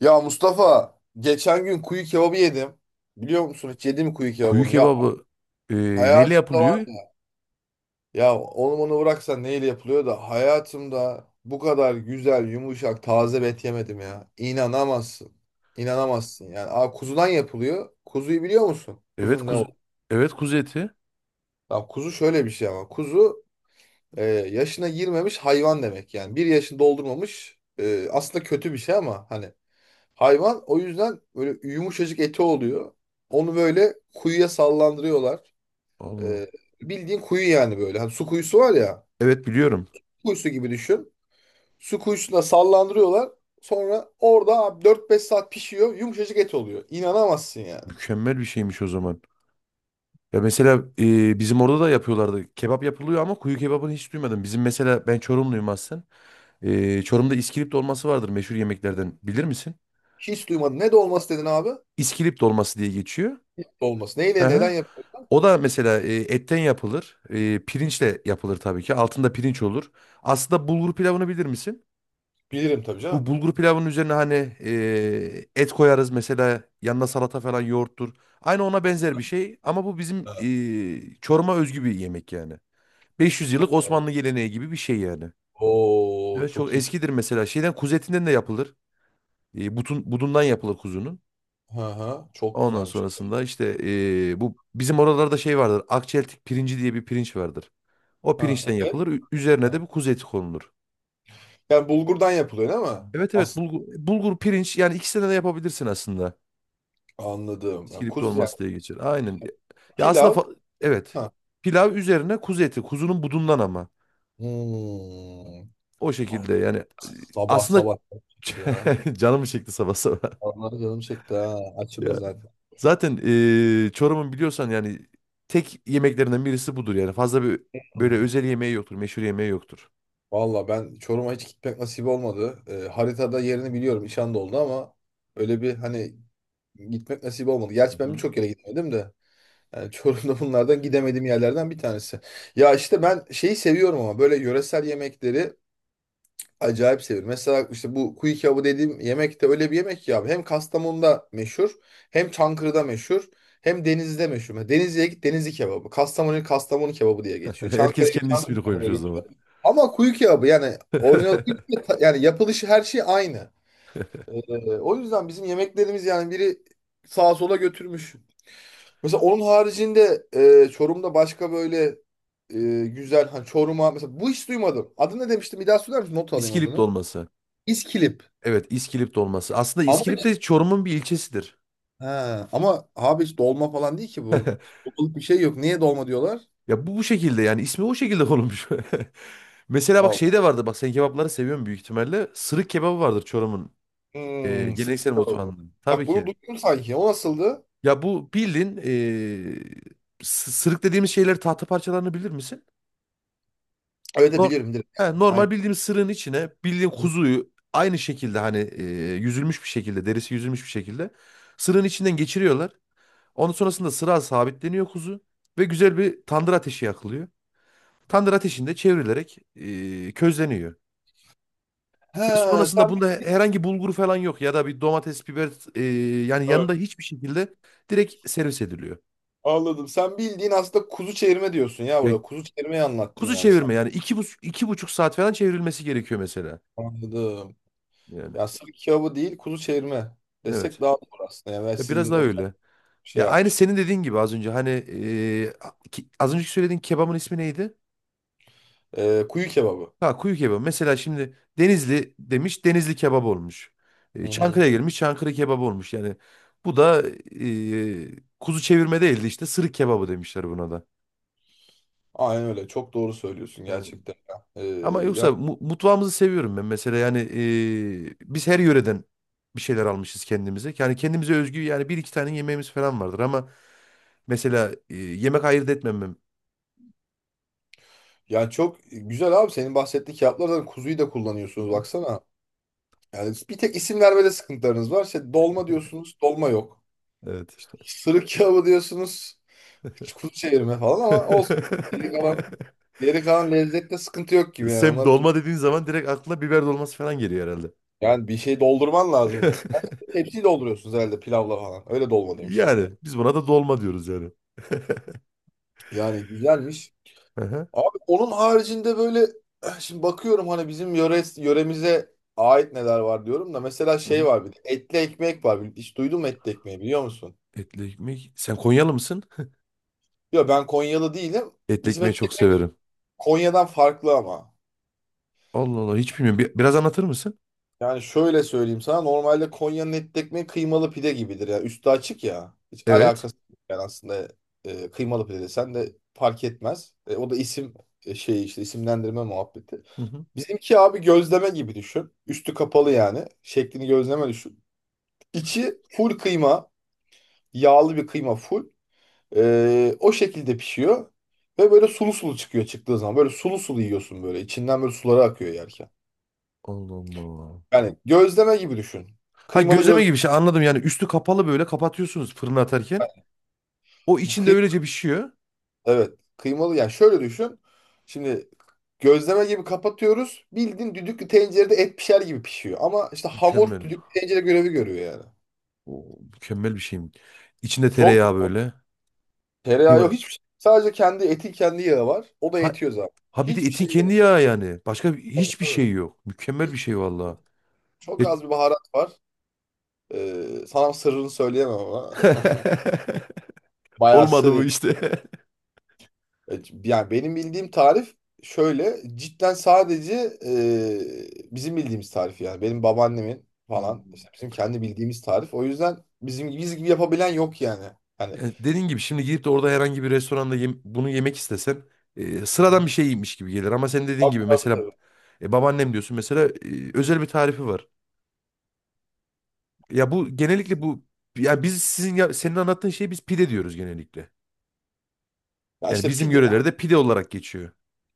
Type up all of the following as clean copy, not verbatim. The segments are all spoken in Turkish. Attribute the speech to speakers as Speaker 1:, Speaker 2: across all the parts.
Speaker 1: Ya Mustafa, geçen gün kuyu kebabı yedim. Biliyor musun hiç yedim mi kuyu
Speaker 2: Kuyu
Speaker 1: kebabını? Ya
Speaker 2: kebabı e, neyle
Speaker 1: hayatımda var
Speaker 2: yapılıyor?
Speaker 1: ya. Ya onu bıraksan neyle yapılıyor da hayatımda bu kadar güzel, yumuşak, taze bir et yemedim ya. İnanamazsın. İnanamazsın. Yani kuzudan yapılıyor. Kuzuyu biliyor musun?
Speaker 2: Evet
Speaker 1: Kuzun ne
Speaker 2: kuz
Speaker 1: oldu?
Speaker 2: evet kuzu eti.
Speaker 1: Ya, kuzu şöyle bir şey ama. Kuzu yaşına girmemiş hayvan demek yani. Bir yaşını doldurmamış. Aslında kötü bir şey ama hani hayvan, o yüzden böyle yumuşacık eti oluyor. Onu böyle kuyuya sallandırıyorlar.
Speaker 2: Allah.
Speaker 1: Ee, Bildiğin kuyu yani böyle. Hani su kuyusu var ya.
Speaker 2: Evet biliyorum.
Speaker 1: Kuyusu gibi düşün. Su kuyusuna sallandırıyorlar. Sonra orada abi 4-5 saat pişiyor. Yumuşacık et oluyor. İnanamazsın yani.
Speaker 2: Mükemmel bir şeymiş o zaman. Ya mesela bizim orada da yapıyorlardı. Kebap yapılıyor ama kuyu kebabını hiç duymadım. Bizim mesela ben Çorumluyum aslen. Çorum'da iskilip dolması vardır meşhur yemeklerden. Bilir misin?
Speaker 1: Hiç duymadım. Ne dolması dedin abi?
Speaker 2: İskilip dolması diye geçiyor.
Speaker 1: Dolması.
Speaker 2: Hı
Speaker 1: Neyle neden
Speaker 2: hı.
Speaker 1: yapılıyor?
Speaker 2: O da mesela etten yapılır. Pirinçle yapılır tabii ki. Altında pirinç olur. Aslında bulgur pilavını bilir misin?
Speaker 1: Bilirim tabii
Speaker 2: Bu
Speaker 1: canım.
Speaker 2: bulgur pilavının üzerine hani et koyarız mesela, yanına salata falan, yoğurttur. Aynı ona benzer bir şey ama bu bizim
Speaker 1: Ha.
Speaker 2: Çorum'a özgü bir yemek yani. 500 yıllık Osmanlı geleneği gibi bir şey yani.
Speaker 1: Oo,
Speaker 2: Ve çok
Speaker 1: çok iyi.
Speaker 2: eskidir, mesela şeyden, kuzu etinden de yapılır. Budundan yapılır kuzunun.
Speaker 1: Ha ha, çok
Speaker 2: Ondan
Speaker 1: güzelmiş.
Speaker 2: sonrasında işte bu bizim oralarda şey vardır. Akçeltik pirinci diye bir pirinç vardır. O pirinçten
Speaker 1: Ha, evet.
Speaker 2: yapılır. Üzerine de
Speaker 1: Ha.
Speaker 2: bir kuzu eti konulur.
Speaker 1: Yani bulgurdan yapılıyor değil mi?
Speaker 2: Evet, evet,
Speaker 1: Aslında
Speaker 2: bulgur, bulgur pirinç, yani ikisinden de yapabilirsin aslında.
Speaker 1: anladım. Ya
Speaker 2: İskilip
Speaker 1: kuz yani
Speaker 2: dolması diye geçer. Aynen. Ya aslında
Speaker 1: pilav.
Speaker 2: evet.
Speaker 1: Ha.
Speaker 2: Pilav üzerine kuzu eti. Kuzunun budundan ama.
Speaker 1: Hmm.
Speaker 2: O
Speaker 1: Ah,
Speaker 2: şekilde yani
Speaker 1: sabah
Speaker 2: aslında.
Speaker 1: sabah ya.
Speaker 2: Canımı çekti sabah sabah.
Speaker 1: Vallahi canım çekti ha. Açım da
Speaker 2: Ya.
Speaker 1: zaten.
Speaker 2: Zaten Çorum'un biliyorsan yani, tek yemeklerinden birisi budur yani. Fazla bir böyle
Speaker 1: Hmm.
Speaker 2: özel yemeği yoktur, meşhur yemeği yoktur.
Speaker 1: Valla ben Çorum'a hiç gitmek nasip olmadı. Haritada yerini biliyorum. İşan da oldu ama öyle bir hani gitmek nasip olmadı.
Speaker 2: Hı
Speaker 1: Gerçi ben
Speaker 2: hı.
Speaker 1: birçok yere gitmedim de. Yani Çorum'da bunlardan gidemediğim yerlerden bir tanesi. Ya işte ben şeyi seviyorum ama böyle yöresel yemekleri acayip sevilir. Mesela işte bu kuyu kebabı dediğim yemek de öyle bir yemek ki abi. Hem Kastamonu'da meşhur, hem Çankırı'da meşhur, hem Denizli'de meşhur. Mesela Denizli'ye git, Denizli kebabı. Kastamonu'ya git, Kastamonu kebabı diye geçiyor.
Speaker 2: Herkes
Speaker 1: Çankırı'ya git,
Speaker 2: kendi ismini
Speaker 1: Çankırı kebabı
Speaker 2: koymuş
Speaker 1: diye
Speaker 2: o zaman.
Speaker 1: geçiyor. Ama kuyu kebabı yani orijinal kuyu kebabı yani yapılışı her şey aynı. O yüzden bizim yemeklerimiz yani biri sağa sola götürmüş. Mesela onun haricinde Çorum'da başka böyle güzel hani Çorum'a mesela bu hiç duymadım. Adını ne demiştim? Bir daha söyler misin? Not alayım
Speaker 2: İskilip
Speaker 1: adını.
Speaker 2: dolması.
Speaker 1: İskilip.
Speaker 2: Evet, İskilip dolması. Aslında
Speaker 1: Ama
Speaker 2: İskilip de Çorum'un bir ilçesidir.
Speaker 1: ha, ama abi hiç dolma falan değil ki bu. Dolmalık bir şey yok. Niye dolma diyorlar?
Speaker 2: Ya bu şekilde yani, ismi o şekilde konulmuş. Mesela bak, şey
Speaker 1: Allah.
Speaker 2: de vardı, bak sen kebapları seviyorsun büyük ihtimalle. Sırık kebabı vardır Çorum'un
Speaker 1: Hmm,
Speaker 2: geleneksel
Speaker 1: sıkıntı oldu.
Speaker 2: mutfağında.
Speaker 1: Bak
Speaker 2: Tabii ki.
Speaker 1: bunu duydum sanki. O nasıldı?
Speaker 2: Ya bu bildiğin, sırık dediğimiz şeyleri, tahta parçalarını bilir misin?
Speaker 1: Öyle de
Speaker 2: Nor-
Speaker 1: bilirim, direkt.
Speaker 2: He,
Speaker 1: Aynen.
Speaker 2: normal bildiğimiz sırığın içine bildiğin kuzuyu aynı şekilde, hani yüzülmüş bir şekilde, derisi yüzülmüş bir şekilde sırığın içinden geçiriyorlar. Ondan sonrasında sıra sabitleniyor kuzu ve güzel bir tandır ateşi yakılıyor. Tandır ateşinde çevrilerek közleniyor. Ve
Speaker 1: Ha,
Speaker 2: sonrasında
Speaker 1: sen
Speaker 2: bunda herhangi bulgur falan yok, ya da bir domates, biber, yani
Speaker 1: evet,
Speaker 2: yanında hiçbir şekilde, direkt servis ediliyor.
Speaker 1: anladım. Sen bildiğin aslında kuzu çevirme diyorsun ya
Speaker 2: Ya
Speaker 1: burada. Kuzu çevirmeyi anlattın
Speaker 2: kuzu
Speaker 1: yani sen.
Speaker 2: çevirme yani, 2,5 saat falan çevrilmesi gerekiyor mesela.
Speaker 1: Anladım.
Speaker 2: Yani
Speaker 1: Ya sırf kebabı değil, kuzu çevirme desek
Speaker 2: evet.
Speaker 1: daha doğru aslında. Yani ben
Speaker 2: Ya biraz
Speaker 1: sizin
Speaker 2: daha
Speaker 1: özel
Speaker 2: öyle.
Speaker 1: bir şey
Speaker 2: Ya aynı
Speaker 1: yapmıştım.
Speaker 2: senin dediğin gibi az önce, hani az önceki söylediğin kebabın ismi neydi?
Speaker 1: Kuyu kebabı.
Speaker 2: Ha, kuyu kebabı. Mesela şimdi Denizli demiş, Denizli kebap olmuş.
Speaker 1: Hı hı.
Speaker 2: Çankırı'ya gelmiş, Çankırı kebabı olmuş. Yani bu da kuzu çevirme değildi, işte sırık kebabı demişler buna da.
Speaker 1: Aynen öyle. Çok doğru söylüyorsun
Speaker 2: Evet.
Speaker 1: gerçekten, ya.
Speaker 2: Ama
Speaker 1: Yani
Speaker 2: yoksa mutfağımızı seviyorum ben, mesela yani biz her yöreden bir şeyler almışız kendimize. Yani kendimize özgü yani bir iki tane yemeğimiz falan vardır ama mesela yemek ayırt etmemem.
Speaker 1: yani çok güzel abi, senin bahsettiğin kağıtlar, kuzuyu da
Speaker 2: Hı
Speaker 1: kullanıyorsunuz
Speaker 2: hı.
Speaker 1: baksana. Yani bir tek isim vermede sıkıntılarınız var. İşte dolma diyorsunuz, dolma yok.
Speaker 2: Evet.
Speaker 1: İşte sırık kebabı diyorsunuz, hiç kuzu çevirme falan, ama olsun. Geri kalan, geri kalan lezzette sıkıntı yok gibi yani.
Speaker 2: Sen
Speaker 1: Ona,
Speaker 2: dolma dediğin zaman direkt aklına biber dolması falan geliyor herhalde.
Speaker 1: yani bir şey doldurman lazım. Hepsini dolduruyorsunuz herhalde pilavla falan. Öyle dolma demişler ya.
Speaker 2: Yani biz buna da dolma diyoruz yani.
Speaker 1: Yani güzelmiş.
Speaker 2: Hı hı.
Speaker 1: Abi onun haricinde böyle şimdi bakıyorum hani bizim yöre, yöremize ait neler var diyorum da mesela
Speaker 2: Hı
Speaker 1: şey
Speaker 2: hı.
Speaker 1: var, bir de etli ekmek var. Hiç duydun mu etli ekmeği, biliyor musun?
Speaker 2: Etli ekmek. Sen Konyalı mısın?
Speaker 1: Yok, ben Konyalı değilim.
Speaker 2: Etli
Speaker 1: Bizim
Speaker 2: ekmeği
Speaker 1: etli
Speaker 2: çok
Speaker 1: ekmek
Speaker 2: severim.
Speaker 1: Konya'dan farklı ama.
Speaker 2: Allah Allah, hiç bilmiyorum. Biraz anlatır mısın?
Speaker 1: Yani şöyle söyleyeyim sana, normalde Konya'nın etli ekmeği kıymalı pide gibidir ya. Üstü açık ya. Hiç
Speaker 2: Evet.
Speaker 1: alakası yok yani aslında kıymalı pide desen de fark etmez. E, o da isim şeyi işte isimlendirme muhabbeti.
Speaker 2: Hı hı.
Speaker 1: Bizimki abi gözleme gibi düşün. Üstü kapalı yani. Şeklini gözleme düşün. İçi full kıyma. Yağlı bir kıyma full. O şekilde pişiyor. Ve böyle sulu sulu çıkıyor çıktığı zaman. Böyle sulu sulu yiyorsun böyle. İçinden böyle suları akıyor yerken.
Speaker 2: Allah Allah.
Speaker 1: Yani gözleme gibi düşün.
Speaker 2: Ha,
Speaker 1: Kıymalı
Speaker 2: gözleme
Speaker 1: gözleme,
Speaker 2: gibi bir şey, anladım. Yani üstü kapalı böyle kapatıyorsunuz fırına atarken. O içinde
Speaker 1: Kıy-
Speaker 2: öylece pişiyor.
Speaker 1: evet. Kıymalı yani şöyle düşün. Şimdi gözleme gibi kapatıyoruz. Bildiğin düdüklü tencerede et pişer gibi pişiyor. Ama işte hamur
Speaker 2: Mükemmel.
Speaker 1: düdüklü tencere görevi görüyor yani.
Speaker 2: O mükemmel bir şeyim. İçinde
Speaker 1: Çok
Speaker 2: tereyağı
Speaker 1: mu?
Speaker 2: böyle.
Speaker 1: Tereyağı
Speaker 2: Kıyma.
Speaker 1: yok, hiçbir şey. Sadece kendi eti, kendi yağı var. O da
Speaker 2: Ha,
Speaker 1: yetiyor zaten.
Speaker 2: ha bir de
Speaker 1: Hiçbir
Speaker 2: etin
Speaker 1: şey
Speaker 2: kendi
Speaker 1: gerek,
Speaker 2: yağı yani.
Speaker 1: tabii
Speaker 2: Hiçbir şey
Speaker 1: tabii.
Speaker 2: yok. Mükemmel bir
Speaker 1: Hiç-
Speaker 2: şey vallahi.
Speaker 1: çok
Speaker 2: E-
Speaker 1: az bir baharat var. Sana sırrını söyleyemem ama. Bayağı
Speaker 2: Olmadı bu
Speaker 1: sır.
Speaker 2: işte.
Speaker 1: Yani benim bildiğim tarif şöyle. Cidden sadece bizim bildiğimiz tarif yani. Benim babaannemin falan.
Speaker 2: Hmm.
Speaker 1: İşte bizim kendi bildiğimiz tarif. O yüzden bizim biz gibi yapabilen yok yani. Hani
Speaker 2: Ya dediğin gibi şimdi gidip de orada herhangi bir restoranda bunu yemek istesen sıradan bir şey yemiş gibi gelir. Ama senin dediğin
Speaker 1: tabii
Speaker 2: gibi
Speaker 1: tabii
Speaker 2: mesela
Speaker 1: tabii.
Speaker 2: babaannem diyorsun mesela, özel bir tarifi var. Ya bu genellikle bu, ya biz sizin, ya, senin anlattığın şeyi biz pide diyoruz genellikle.
Speaker 1: Ya
Speaker 2: Yani
Speaker 1: işte
Speaker 2: bizim
Speaker 1: pide
Speaker 2: yörelerde pide olarak geçiyor.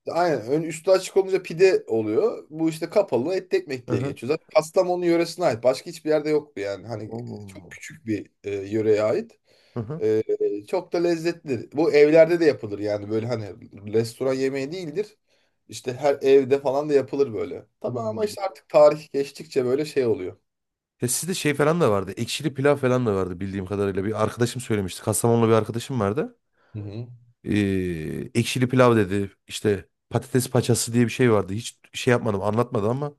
Speaker 1: aynen. Ön üstü açık olunca pide oluyor. Bu işte kapalı etli ekmek
Speaker 2: Hı
Speaker 1: diye
Speaker 2: hı.
Speaker 1: geçiyor. Zaten Kastamonu yöresine ait. Başka hiçbir yerde yoktu yani. Hani çok
Speaker 2: Oo.
Speaker 1: küçük bir yöreye ait.
Speaker 2: Hı hı.
Speaker 1: E, Çok da lezzetlidir. Bu evlerde de yapılır yani. Böyle hani restoran yemeği değildir. İşte her evde falan da yapılır böyle. Tabii ama
Speaker 2: Hmm.
Speaker 1: işte artık tarih geçtikçe böyle şey oluyor.
Speaker 2: Ya sizde şey falan da vardı. Ekşili pilav falan da vardı bildiğim kadarıyla. Bir arkadaşım söylemişti, Kastamonlu bir arkadaşım vardı.
Speaker 1: Hı hı.
Speaker 2: Ee, ekşili pilav dedi. İşte patates paçası diye bir şey vardı. Hiç şey yapmadım, anlatmadı ama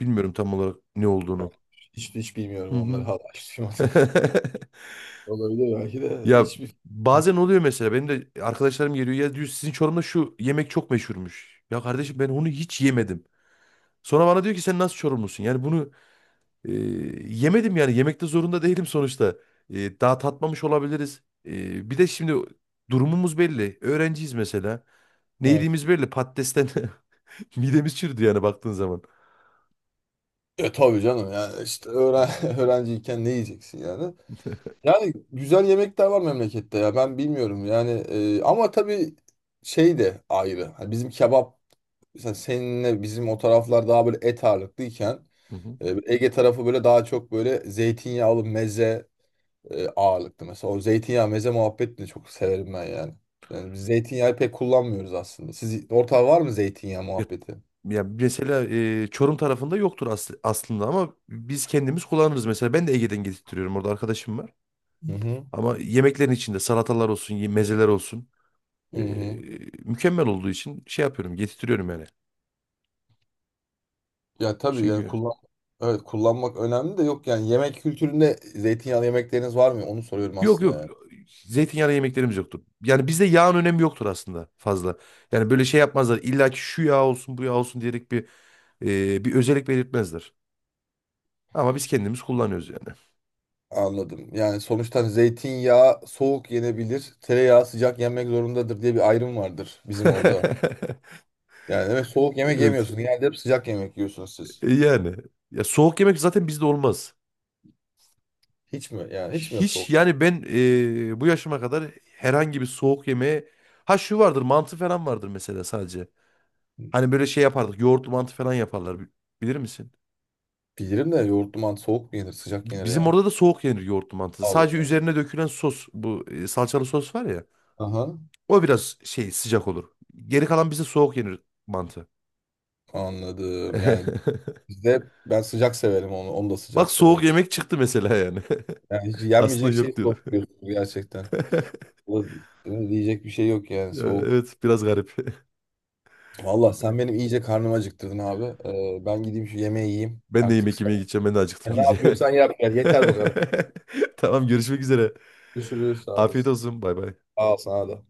Speaker 2: bilmiyorum tam olarak ne olduğunu.
Speaker 1: Hiç, hiç bilmiyorum
Speaker 2: Hı
Speaker 1: onları,
Speaker 2: hı.
Speaker 1: hala hiç duymadım. Olabilir belki de.
Speaker 2: Ya
Speaker 1: Hiçbir fikrim yok.
Speaker 2: bazen oluyor mesela, benim de arkadaşlarım geliyor, ya diyor sizin Çorum'da şu yemek çok meşhurmuş. Ya kardeşim, ben onu hiç yemedim. Sonra bana diyor ki sen nasıl Çorumlusun? Yani bunu e, yemedim, yani yemekte zorunda değilim sonuçta. Daha tatmamış olabiliriz. Bir de şimdi durumumuz belli. Öğrenciyiz mesela. Ne
Speaker 1: Evet.
Speaker 2: yediğimiz belli, patatesten. Midemiz çürüdü yani baktığın zaman.
Speaker 1: E tabii canım, yani işte öğren öğrenciyken ne yiyeceksin yani? Yani güzel yemekler var memlekette ya, ben bilmiyorum yani ama tabii şey de ayrı. Hani bizim kebap mesela, seninle bizim o taraflar daha böyle et ağırlıklıyken
Speaker 2: Hı hı.
Speaker 1: Ege tarafı böyle daha çok böyle zeytinyağlı meze ağırlıklı. Mesela o zeytinyağı meze muhabbetini de çok severim ben yani. Yani biz zeytinyağı pek kullanmıyoruz aslında. Siz ortağı var mı zeytinyağı
Speaker 2: Ya,
Speaker 1: muhabbeti?
Speaker 2: yani mesela Çorum tarafında yoktur aslında, ama biz kendimiz kullanırız. Mesela ben de Ege'den getirtiyorum. Orada arkadaşım var.
Speaker 1: Hı hı.
Speaker 2: Ama yemeklerin içinde salatalar olsun, mezeler olsun,
Speaker 1: Hı
Speaker 2: e,
Speaker 1: hı.
Speaker 2: mükemmel olduğu için şey yapıyorum, getirtiyorum yani.
Speaker 1: Ya tabii yani
Speaker 2: Çünkü
Speaker 1: kullan, evet, kullanmak önemli de yok yani, yemek kültüründe zeytinyağlı yemekleriniz var mı? Onu soruyorum
Speaker 2: yok,
Speaker 1: aslında
Speaker 2: yok,
Speaker 1: yani.
Speaker 2: zeytinyağlı yemeklerimiz yoktur. Yani bizde yağın önemi yoktur aslında fazla. Yani böyle şey yapmazlar. İlla ki şu yağ olsun, bu yağ olsun diyerek bir özellik belirtmezler. Ama biz kendimiz kullanıyoruz yani.
Speaker 1: Anladım. Yani sonuçta hani zeytinyağı soğuk yenebilir, tereyağı sıcak yenmek zorundadır diye bir ayrım vardır bizim orada. Yani evet, soğuk yemek
Speaker 2: Evet.
Speaker 1: yemiyorsunuz. Genelde hep sıcak yemek yiyorsunuz siz.
Speaker 2: Yani, ya soğuk yemek zaten bizde olmaz.
Speaker 1: Hiç mi? Yani hiç mi yok
Speaker 2: Hiç
Speaker 1: soğuk yemek?
Speaker 2: yani, ben bu yaşıma kadar herhangi bir soğuk yemeğe, ha şu vardır, mantı falan vardır mesela sadece. Hani böyle şey yapardık, yoğurtlu mantı falan yaparlar, bilir misin?
Speaker 1: Bilirim de yoğurtlu mantı soğuk mu yenir, sıcak yenir
Speaker 2: Bizim
Speaker 1: ya.
Speaker 2: orada da soğuk yenir yoğurtlu mantısı.
Speaker 1: Allah
Speaker 2: Sadece
Speaker 1: Allah.
Speaker 2: üzerine dökülen sos, bu salçalı sos var ya,
Speaker 1: Aha.
Speaker 2: o biraz şey, sıcak olur. Geri kalan bize soğuk yenir mantı.
Speaker 1: Anladım. Yani bizde ben sıcak severim onu. Onu da
Speaker 2: Bak
Speaker 1: sıcak
Speaker 2: soğuk
Speaker 1: severim.
Speaker 2: yemek çıktı mesela yani.
Speaker 1: Yani hiç
Speaker 2: Aslında
Speaker 1: yenmeyecek şey
Speaker 2: yok diyordum.
Speaker 1: soğuk diyorsunuz gerçekten. Valla diyecek bir şey yok yani,
Speaker 2: Ya,
Speaker 1: soğuk.
Speaker 2: evet, biraz garip.
Speaker 1: Valla sen benim iyice karnımı acıktırdın abi. Ben gideyim şu yemeği yiyeyim.
Speaker 2: Ben de
Speaker 1: Artık
Speaker 2: yemek
Speaker 1: sen,
Speaker 2: yemeye gideceğim. Ben de acıktım
Speaker 1: sen ne
Speaker 2: iyice.
Speaker 1: yapıyorsan yap gel. Yeter bu kadar.
Speaker 2: Tamam, görüşmek üzere.
Speaker 1: Görüşürüz. Sağ
Speaker 2: Afiyet
Speaker 1: olasın.
Speaker 2: olsun. Bay bay.
Speaker 1: Sağ ol sana da.